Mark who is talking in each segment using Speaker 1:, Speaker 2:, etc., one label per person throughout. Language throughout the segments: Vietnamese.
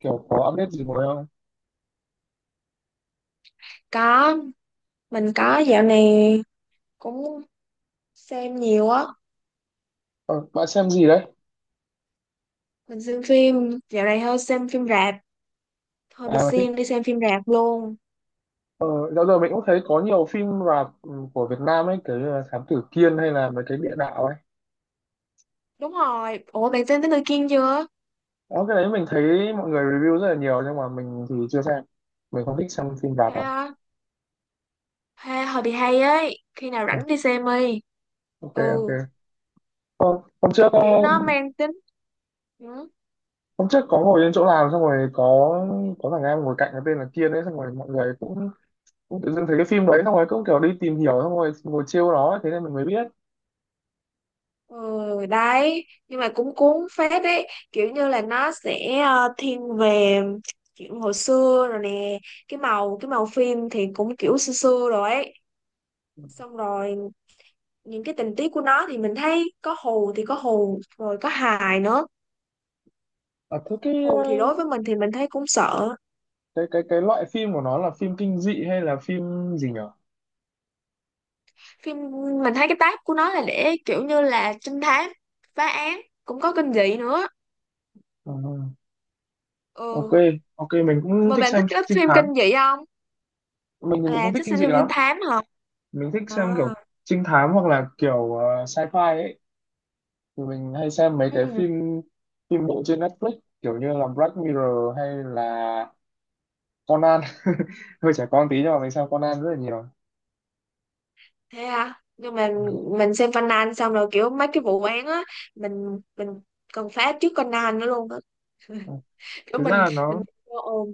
Speaker 1: Kiểu có update gì mới không?
Speaker 2: Có, mình có dạo này cũng xem nhiều á.
Speaker 1: Ờ, Bạn xem gì đấy?
Speaker 2: Mình xem phim, dạo này hơi xem phim rạp. Hơi bị
Speaker 1: À mà thích.
Speaker 2: siêng đi xem phim rạp luôn.
Speaker 1: ờ, Dạo giờ mình cũng thấy có nhiều phim rạp, của Việt Nam ấy, kiểu như là Thám Tử Kiên hay là mấy cái địa đạo ấy.
Speaker 2: Đúng rồi, ủa bạn xem Tới Người Kiên chưa?
Speaker 1: Đó, cái đấy mình thấy mọi người review rất là nhiều nhưng mà mình thì chưa xem. Mình không thích xem phim
Speaker 2: Thế
Speaker 1: rạp đâu.
Speaker 2: à? Hay, hơi bị hay ấy. Khi nào rảnh
Speaker 1: À,
Speaker 2: đi xem đi.
Speaker 1: ok ok.
Speaker 2: Ừ,
Speaker 1: Hôm trước
Speaker 2: kiểu nó mang tính. Ừ,
Speaker 1: hôm trước có ngồi trên chỗ làm xong rồi có thằng em ngồi cạnh cái tên là Kiên ấy, xong rồi mọi người cũng cũng tự dưng thấy cái phim đấy, xong rồi cũng kiểu đi tìm hiểu xong rồi ngồi chiêu nó ấy, thế nên mình mới biết.
Speaker 2: ừ đấy. Nhưng mà cũng cuốn phết ấy. Kiểu như là nó sẽ thiên về chuyện hồi xưa rồi nè. Cái màu phim thì cũng kiểu xưa xưa rồi ấy, xong rồi những cái tình tiết của nó thì mình thấy có hù thì có hù rồi có hài nữa.
Speaker 1: À, thế cái
Speaker 2: Hù thì đối với mình thì mình thấy cũng sợ
Speaker 1: cái loại phim của nó là phim kinh dị hay là phim gì nhở?
Speaker 2: phim. Mình thấy cái tác của nó là để kiểu như là trinh thám, phá án, cũng có kinh dị nữa.
Speaker 1: Ờ, ok
Speaker 2: Ừ,
Speaker 1: ok, mình cũng
Speaker 2: mà
Speaker 1: thích
Speaker 2: bạn thích
Speaker 1: xem
Speaker 2: cái
Speaker 1: trinh
Speaker 2: phim
Speaker 1: thám.
Speaker 2: kinh dị không?
Speaker 1: Mình thì mình
Speaker 2: À,
Speaker 1: không thích
Speaker 2: thích
Speaker 1: kinh
Speaker 2: xem
Speaker 1: dị
Speaker 2: phim trinh
Speaker 1: lắm.
Speaker 2: thám hả?
Speaker 1: Mình thích
Speaker 2: À,
Speaker 1: xem kiểu trinh thám hoặc là kiểu sci-fi ấy. Thì mình hay xem mấy cái
Speaker 2: ừ.
Speaker 1: phim phim bộ trên Netflix kiểu như là Black Mirror hay là Conan. Hơi trẻ con tí nhưng mà mình xem Conan rất là nhiều.
Speaker 2: Thế à? Nhưng mà mình xem Conan xong rồi kiểu mấy cái vụ án á, mình cần phá trước Conan nữa luôn á.
Speaker 1: Ừ.
Speaker 2: Kiểu
Speaker 1: Thực ra
Speaker 2: mình
Speaker 1: là nó
Speaker 2: mình ồ,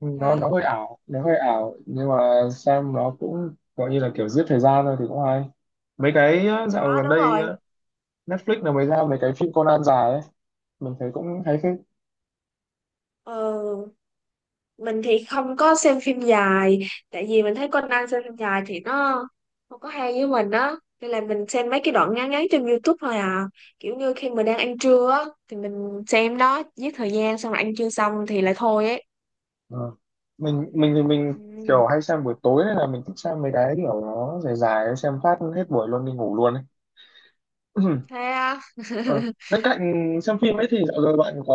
Speaker 1: nó
Speaker 2: hả,
Speaker 1: nó hơi ảo, nó hơi ảo nhưng mà xem nó cũng gọi như là kiểu giết thời gian thôi thì cũng hay. Mấy cái á, dạo
Speaker 2: đó
Speaker 1: gần
Speaker 2: đúng
Speaker 1: đây
Speaker 2: rồi.
Speaker 1: á, Netflix là mới ra mấy
Speaker 2: Ừ.
Speaker 1: cái phim Conan dài ấy, mình thấy cũng hay phết.
Speaker 2: Ừ. Mình thì không có xem phim dài, tại vì mình thấy Conan xem phim dài thì nó không có hay với mình á, nên là mình xem mấy cái đoạn ngắn ngắn trên YouTube thôi à. Kiểu như khi mình đang ăn trưa á thì mình xem đó giết thời gian, xong rồi ăn trưa xong thì lại thôi ấy.
Speaker 1: Ờ. Mình thì mình
Speaker 2: Ừ.
Speaker 1: kiểu hay xem buổi tối nên là mình thích xem mấy cái kiểu nó dài dài ấy, xem phát hết buổi luôn đi ngủ luôn ấy.
Speaker 2: Thế à,
Speaker 1: Ờ. Bên cạnh xem phim ấy thì dạo giờ bạn có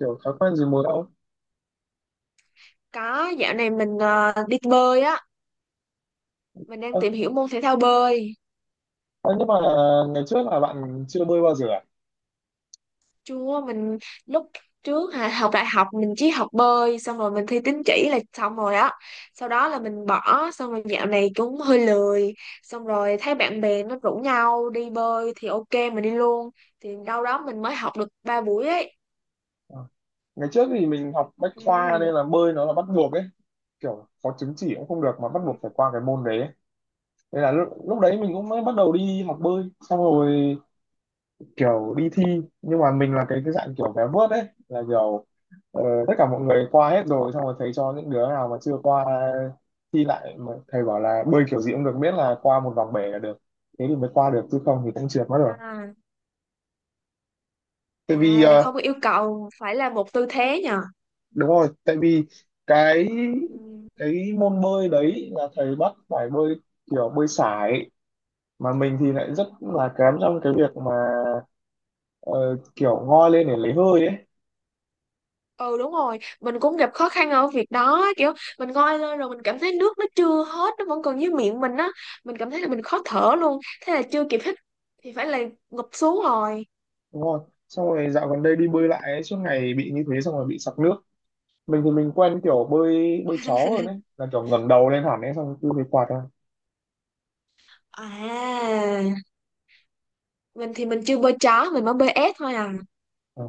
Speaker 1: kiểu thói quen gì mới không?
Speaker 2: có dạo này mình đi bơi á, mình đang
Speaker 1: Ờ,
Speaker 2: tìm hiểu môn thể thao bơi.
Speaker 1: ờ, nhưng mà ngày trước là bạn chưa bơi bao giờ à?
Speaker 2: Chưa, mình lúc trước học đại học mình chỉ học bơi xong rồi mình thi tín chỉ là xong rồi á. Sau đó là mình bỏ xong rồi dạo này cũng hơi lười. Xong rồi thấy bạn bè nó rủ nhau đi bơi thì ok mình đi luôn. Thì đâu đó mình mới học được 3 buổi ấy.
Speaker 1: Ờ. Ngày trước thì mình học bách khoa
Speaker 2: Ừ.
Speaker 1: nên là bơi nó là bắt buộc ấy, kiểu có chứng chỉ cũng không được mà bắt
Speaker 2: Ừ.
Speaker 1: buộc phải qua cái môn đấy ấy. Thế là lúc đấy mình cũng mới bắt đầu đi học bơi xong rồi kiểu đi thi, nhưng mà mình là cái dạng kiểu vé vớt đấy, là kiểu ờ, tất cả mọi người qua hết rồi xong rồi thầy cho những đứa nào mà chưa qua thi lại, mà thầy bảo là bơi kiểu gì cũng được miễn là qua một vòng bể là được. Thế thì mới qua được chứ không thì cũng trượt mất rồi.
Speaker 2: À,
Speaker 1: Tại vì
Speaker 2: à là không có yêu cầu phải là một tư thế nhờ.
Speaker 1: đúng rồi, tại vì cái
Speaker 2: Ừ.
Speaker 1: môn bơi đấy là thầy bắt phải bơi kiểu bơi sải, mà mình thì lại rất là kém trong cái việc mà ờ, kiểu ngoi lên để lấy hơi ấy.
Speaker 2: Ừ đúng rồi, mình cũng gặp khó khăn ở việc đó. Kiểu mình ngoi lên rồi mình cảm thấy nước nó chưa hết, nó vẫn còn dưới miệng mình á, mình cảm thấy là mình khó thở luôn, thế là chưa kịp hít thì phải là ngụp xuống rồi.
Speaker 1: Đúng không, xong rồi dạo gần đây đi bơi lại ấy, suốt ngày bị như thế xong rồi bị sặc nước. Mình thì mình quen kiểu bơi bơi chó hơn ấy, là kiểu ngẩng đầu lên hẳn ấy xong rồi cứ bị quạt ra.
Speaker 2: À mình thì mình chưa bơi chó, mình mới bơi ép thôi à.
Speaker 1: Ờ.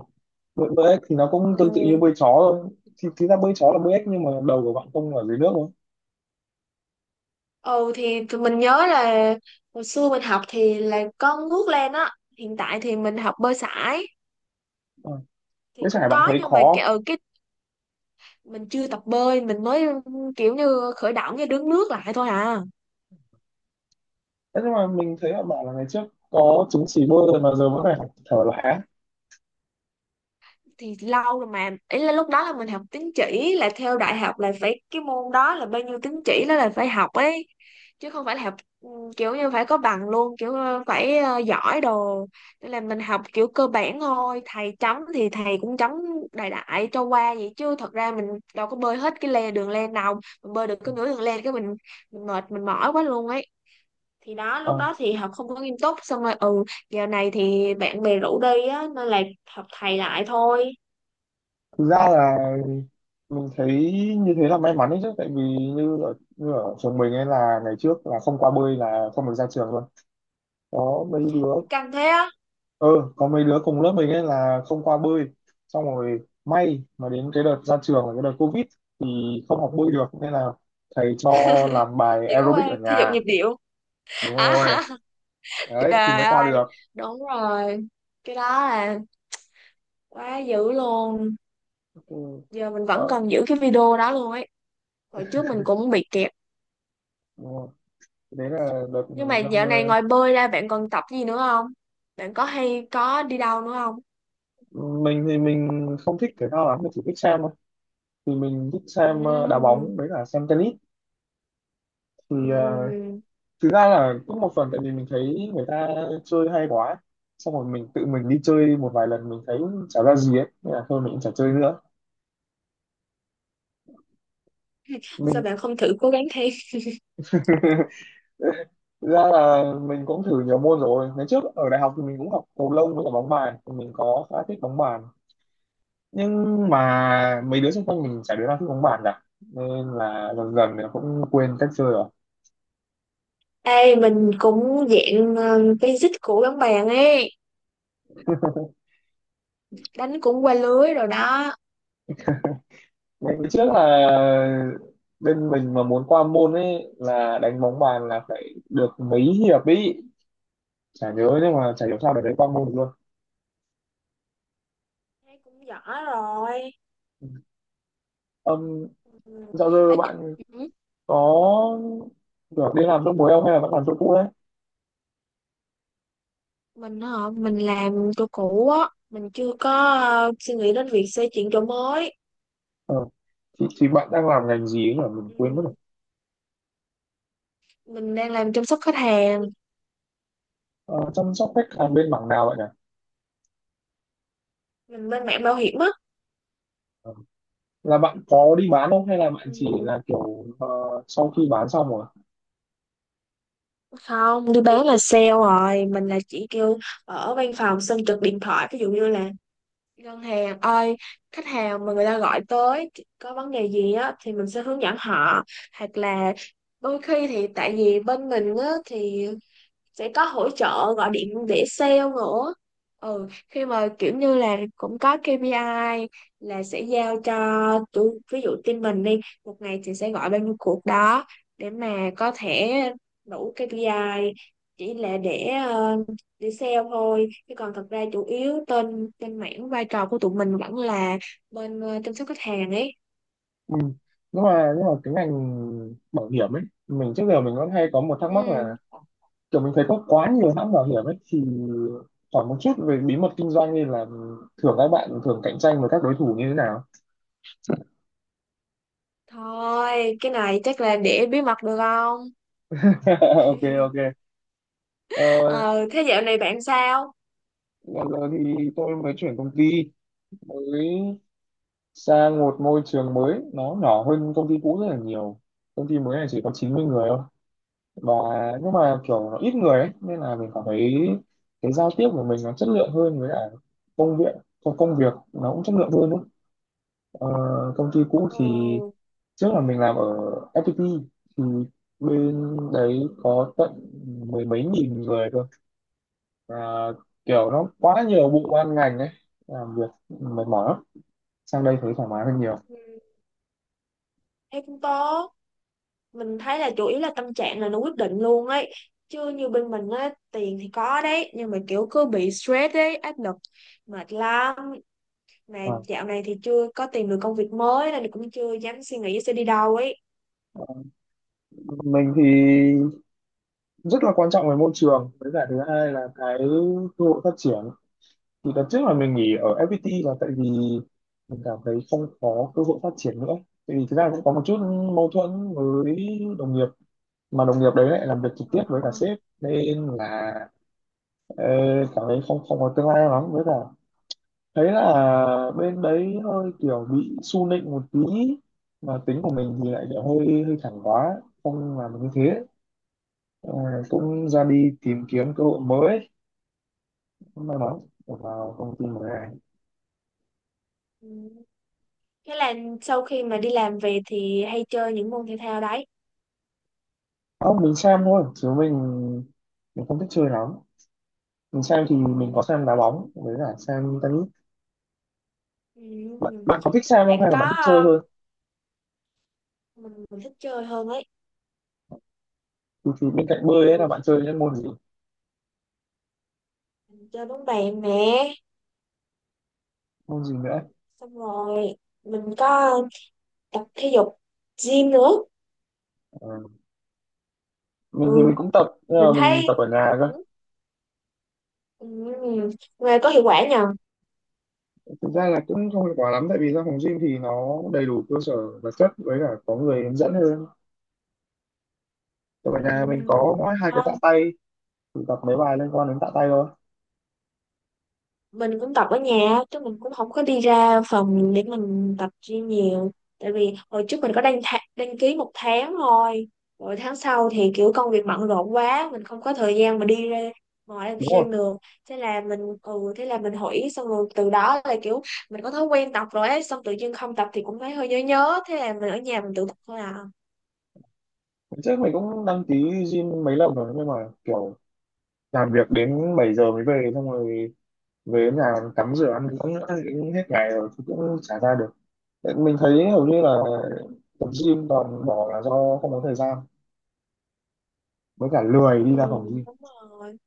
Speaker 1: Bơi ếch thì nó cũng tương tự như
Speaker 2: Ừ.
Speaker 1: bơi chó thôi, thì thực ra bơi chó là bơi ếch nhưng mà đầu của bạn không ở dưới nước thôi.
Speaker 2: Ừ thì mình nhớ là hồi xưa mình học thì là có nước lên á. Hiện tại thì mình học bơi sải
Speaker 1: Ờ.
Speaker 2: thì
Speaker 1: Với chả
Speaker 2: cũng
Speaker 1: bạn
Speaker 2: có,
Speaker 1: thấy
Speaker 2: nhưng mà
Speaker 1: khó
Speaker 2: cái
Speaker 1: không?
Speaker 2: ừ, cái mình chưa tập bơi, mình mới kiểu như khởi động như đứng nước lại thôi à.
Speaker 1: Thế nhưng mà mình thấy là bạn là ngày trước có chứng chỉ bơi rồi mà giờ vẫn phải học thở lại á.
Speaker 2: Thì lâu rồi mà, ý là lúc đó là mình học tín chỉ, là theo đại học là phải cái môn đó là bao nhiêu tín chỉ đó là phải học ấy, chứ không phải là học ừ, kiểu như phải có bằng luôn, kiểu phải giỏi đồ. Nên là mình học kiểu cơ bản thôi, thầy chấm thì thầy cũng chấm đại đại cho qua vậy, chứ thật ra mình đâu có bơi hết cái le đường len nào, mình bơi được có nửa đường len cái mình mệt, mình mỏi quá luôn ấy. Thì đó lúc
Speaker 1: Ờ.
Speaker 2: đó thì học không có nghiêm túc, xong rồi ừ, giờ này thì bạn bè rủ đi á nên là học thầy lại thôi.
Speaker 1: Thực ra là mình thấy như thế là may mắn đấy chứ, tại vì như ở trường mình ấy là ngày trước là không qua bơi là không được ra trường luôn. Có mấy đứa,
Speaker 2: Căng thế á?
Speaker 1: ờ, có mấy đứa cùng lớp mình ấy là không qua bơi, xong rồi may mà đến cái đợt ra trường là cái đợt covid thì không học bơi được nên là thầy cho làm bài
Speaker 2: Chị có qua
Speaker 1: aerobic ở
Speaker 2: thể dục
Speaker 1: nhà.
Speaker 2: nhịp điệu
Speaker 1: Đúng
Speaker 2: à?
Speaker 1: rồi, đấy thì
Speaker 2: Trời
Speaker 1: mới qua
Speaker 2: ơi,
Speaker 1: được.
Speaker 2: đúng rồi, cái đó là quá dữ luôn.
Speaker 1: Ừ,
Speaker 2: Giờ mình vẫn
Speaker 1: ờ,
Speaker 2: còn giữ cái video đó luôn ấy. Hồi trước mình cũng bị kẹt.
Speaker 1: đúng rồi. Đấy là đợt
Speaker 2: Nhưng mà
Speaker 1: năm,
Speaker 2: dạo này ngoài bơi ra bạn còn tập gì nữa không? Bạn có hay có đi đâu nữa không?
Speaker 1: mình thì mình không thích thể thao lắm, mình chỉ thích xem thôi. Thì mình thích xem đá
Speaker 2: Ừm,
Speaker 1: bóng với cả xem tennis. Thì
Speaker 2: ừm.
Speaker 1: thực ra là cũng một phần tại vì mình thấy người ta chơi hay quá, xong rồi mình tự mình đi chơi một vài lần mình thấy chả ra gì ấy nên là thôi mình cũng chả chơi nữa.
Speaker 2: Sao
Speaker 1: Mình
Speaker 2: bạn không thử cố gắng thêm?
Speaker 1: thực ra là mình cũng thử nhiều môn rồi, ngày trước ở đại học thì mình cũng học cầu lông với cả bóng bàn, thì mình có khá thích bóng bàn nhưng mà mấy đứa xung quanh mình chả đứa nào thích bóng bàn cả nên là dần dần thì cũng quên cách chơi rồi.
Speaker 2: Ê mình cũng dạng basic của bắn bạn ấy, đánh cũng qua lưới rồi đó.
Speaker 1: Ngày trước là bên mình mà muốn qua môn ấy là đánh bóng bàn là phải được mấy hiệp ý, chả nhớ nhưng mà chả hiểu sao để đánh qua môn được luôn.
Speaker 2: Thấy cũng giỏi rồi.
Speaker 1: um,
Speaker 2: Ừ.
Speaker 1: Dạo giờ
Speaker 2: Ấy,
Speaker 1: bạn
Speaker 2: ừ.
Speaker 1: có được đi làm trong mối không hay là vẫn làm chỗ cũ đấy?
Speaker 2: Mình hả, mình làm chỗ cũ á, mình chưa có suy nghĩ đến việc xây chuyện chỗ mới.
Speaker 1: Ờ. Thì bạn đang làm ngành gì ấy nhỉ, mình quên mất rồi.
Speaker 2: Ừ. Mình đang làm chăm sóc khách hàng.
Speaker 1: Ờ, chăm sóc khách hàng bên mảng nào vậy nhỉ?
Speaker 2: Mình bên mảng bảo hiểm á.
Speaker 1: Ờ. Là bạn có đi bán không hay là bạn
Speaker 2: Ừ.
Speaker 1: chỉ là kiểu sau khi bán xong rồi?
Speaker 2: Không đi bán là sale rồi, mình là chỉ kêu ở văn phòng xong trực điện thoại, ví dụ như là ngân hàng ơi, khách hàng mà người ta gọi tới có vấn đề gì á thì mình sẽ hướng dẫn họ, hoặc là đôi khi thì tại vì bên mình á thì sẽ có hỗ trợ gọi điện để sale nữa. Ừ, khi mà kiểu như là cũng có KPI là sẽ giao cho tụi, ví dụ team mình đi, một ngày thì sẽ gọi bao nhiêu cuộc đó để mà có thể đủ KPI, chỉ là để để sale thôi, chứ còn thật ra chủ yếu tên tên mảng vai trò của tụi mình vẫn là bên chăm sóc khách hàng ấy.
Speaker 1: Ừ. nhưng mà cái ngành bảo hiểm ấy, mình trước giờ mình vẫn hay có một thắc mắc là
Speaker 2: Ừ,
Speaker 1: kiểu mình thấy có quá nhiều hãng bảo hiểm ấy, thì hỏi một chút về bí mật kinh doanh nên là thường các bạn thường cạnh tranh với các đối thủ như thế nào?
Speaker 2: thôi cái này chắc là để bí mật được không?
Speaker 1: Ok ok. ờ,
Speaker 2: Ờ Thế dạo này bạn sao?
Speaker 1: Bây giờ thì tôi mới chuyển công ty mới, sang một môi trường mới, nó nhỏ hơn công ty cũ rất là nhiều. Công ty mới này chỉ có 90 người thôi, và nhưng mà kiểu nó ít người ấy nên là mình cảm thấy cái giao tiếp của mình nó chất lượng hơn, với cả công việc công công việc nó cũng chất lượng hơn ấy. Ờ, công ty cũ thì
Speaker 2: Ừ,
Speaker 1: trước là mình làm ở FPT, thì bên đấy có tận mười mấy nghìn người cơ, và kiểu nó quá nhiều bộ ban ngành ấy, làm việc mệt mỏi lắm, sang đây thấy thoải mái hơn nhiều.
Speaker 2: ừ, thế cũng tốt. Mình thấy là chủ yếu là tâm trạng là nó quyết định luôn ấy, chứ như bên mình á tiền thì có đấy, nhưng mà kiểu cứ bị stress ấy, áp lực mệt lắm. Mà
Speaker 1: À,
Speaker 2: dạo này thì chưa có tìm được công việc mới nên cũng chưa dám suy nghĩ sẽ đi đâu ấy.
Speaker 1: mình thì rất là quan trọng về môi trường, với cả thứ hai là cái cơ hội phát triển. Thì đợt trước là mình nghỉ ở FPT là tại vì mình cảm thấy không có cơ hội phát triển nữa, tại vì thực ra cũng có một chút mâu thuẫn với đồng nghiệp, mà đồng nghiệp đấy lại làm việc trực tiếp với cả
Speaker 2: À,
Speaker 1: sếp nên là Ê, cảm thấy không không có tương lai lắm, với cả thấy là bên đấy hơi kiểu bị su nịnh một tí, mà tính của mình thì lại kiểu hơi hơi thẳng quá, không làm được như thế. Ờ, cũng ra đi tìm kiếm cơ hội mới, cũng may mắn được vào công ty mới này.
Speaker 2: ừ. Thế là sau khi mà đi làm về thì hay chơi những môn thể thao đấy?
Speaker 1: Không, mình xem thôi chứ mình không thích chơi lắm. Mình xem thì
Speaker 2: Ừ.
Speaker 1: mình có xem đá bóng với cả xem tennis.
Speaker 2: Ừ.
Speaker 1: Bạn có thích
Speaker 2: Thế
Speaker 1: xem
Speaker 2: bạn
Speaker 1: không hay là bạn
Speaker 2: có
Speaker 1: thích chơi thôi?
Speaker 2: mình thích chơi hơn ấy.
Speaker 1: Thì bên cạnh bơi ấy
Speaker 2: Ừ.
Speaker 1: là bạn chơi những môn gì?
Speaker 2: Mình chơi bóng bàn nè,
Speaker 1: Môn gì nữa?
Speaker 2: xong rồi mình có tập thể dục gym nữa.
Speaker 1: Ờ, mình thì mình
Speaker 2: Ừ,
Speaker 1: cũng tập nhưng
Speaker 2: mình
Speaker 1: mà
Speaker 2: thấy,
Speaker 1: mình tập ở nhà cơ.
Speaker 2: ừ, ừ, ừ, nghe có hiệu quả nhờ.
Speaker 1: Thực ra là cũng không hiệu quả lắm tại vì ra phòng gym thì nó đầy đủ cơ sở vật chất với cả có người hướng dẫn hơn, còn ở nhà mình
Speaker 2: Ừ.
Speaker 1: có mỗi 2 cái tạ
Speaker 2: Không,
Speaker 1: tay thì tập mấy bài liên quan đến tạ tay thôi.
Speaker 2: mình cũng tập ở nhà chứ mình cũng không có đi ra phòng để mình tập gym nhiều. Tại vì hồi trước mình có đăng ký một tháng thôi, rồi tháng sau thì kiểu công việc bận rộn quá, mình không có thời gian mà đi ra ngoài làm
Speaker 1: Đúng rồi.
Speaker 2: gym được. Thế là mình thế là mình hủy, xong rồi từ đó là kiểu mình có thói quen tập rồi ấy, xong tự nhiên không tập thì cũng thấy hơi nhớ nhớ, thế là mình ở nhà mình tự tập thôi à.
Speaker 1: Hôm trước mình cũng đăng ký gym mấy lần rồi nhưng mà kiểu làm việc đến 7 giờ mới về, xong rồi về đến nhà tắm rửa ăn uống nữa thì cũng hết ngày rồi thì cũng chả ra được. Tại mình thấy hầu như là tập gym toàn bỏ là do không có thời gian, với cả lười
Speaker 2: Ừ,
Speaker 1: đi ra phòng gym.
Speaker 2: đúng rồi,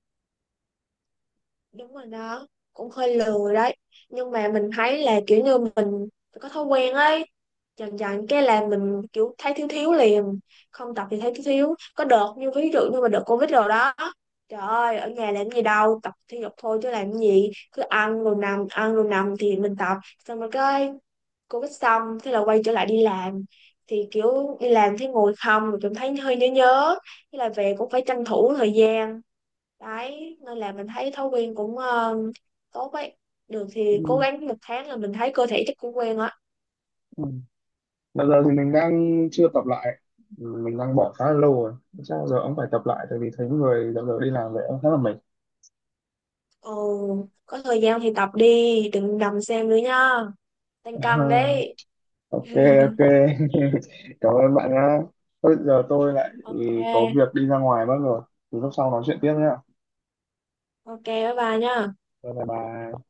Speaker 2: đúng rồi đó, cũng hơi lười đấy. Nhưng mà mình thấy là kiểu như mình có thói quen ấy, dần dần cái là mình kiểu thấy thiếu thiếu liền. Không tập thì thấy thiếu thiếu. Có đợt như ví dụ như mà đợt covid rồi đó, trời ơi ở nhà làm gì đâu, tập thể dục thôi chứ làm gì, cứ ăn rồi nằm thì mình tập. Xong rồi cái covid xong thế là quay trở lại đi làm, thì kiểu đi làm thấy ngồi không rồi cảm thấy hơi nhớ nhớ, thế là về cũng phải tranh thủ thời gian đấy. Nên là mình thấy thói quen cũng tốt ấy, được thì cố
Speaker 1: Ừ.
Speaker 2: gắng một tháng là mình thấy cơ thể chắc cũng quen á.
Speaker 1: Ừ. Bây giờ thì mình đang chưa tập lại, mình đang bỏ khá là lâu rồi. Chắc giờ ông phải tập lại tại vì thấy người dạo giờ đi làm vậy ông khá là mệt.
Speaker 2: Ừ, có thời gian thì tập đi, đừng nằm xem nữa nha, tăng cân đấy.
Speaker 1: Ok ok, cảm ơn bạn nhá. Bây giờ tôi lại có
Speaker 2: Ok,
Speaker 1: việc đi ra ngoài mất rồi. Thì lúc sau nói chuyện tiếp nhá.
Speaker 2: ok bye bye nha.
Speaker 1: Bye bye.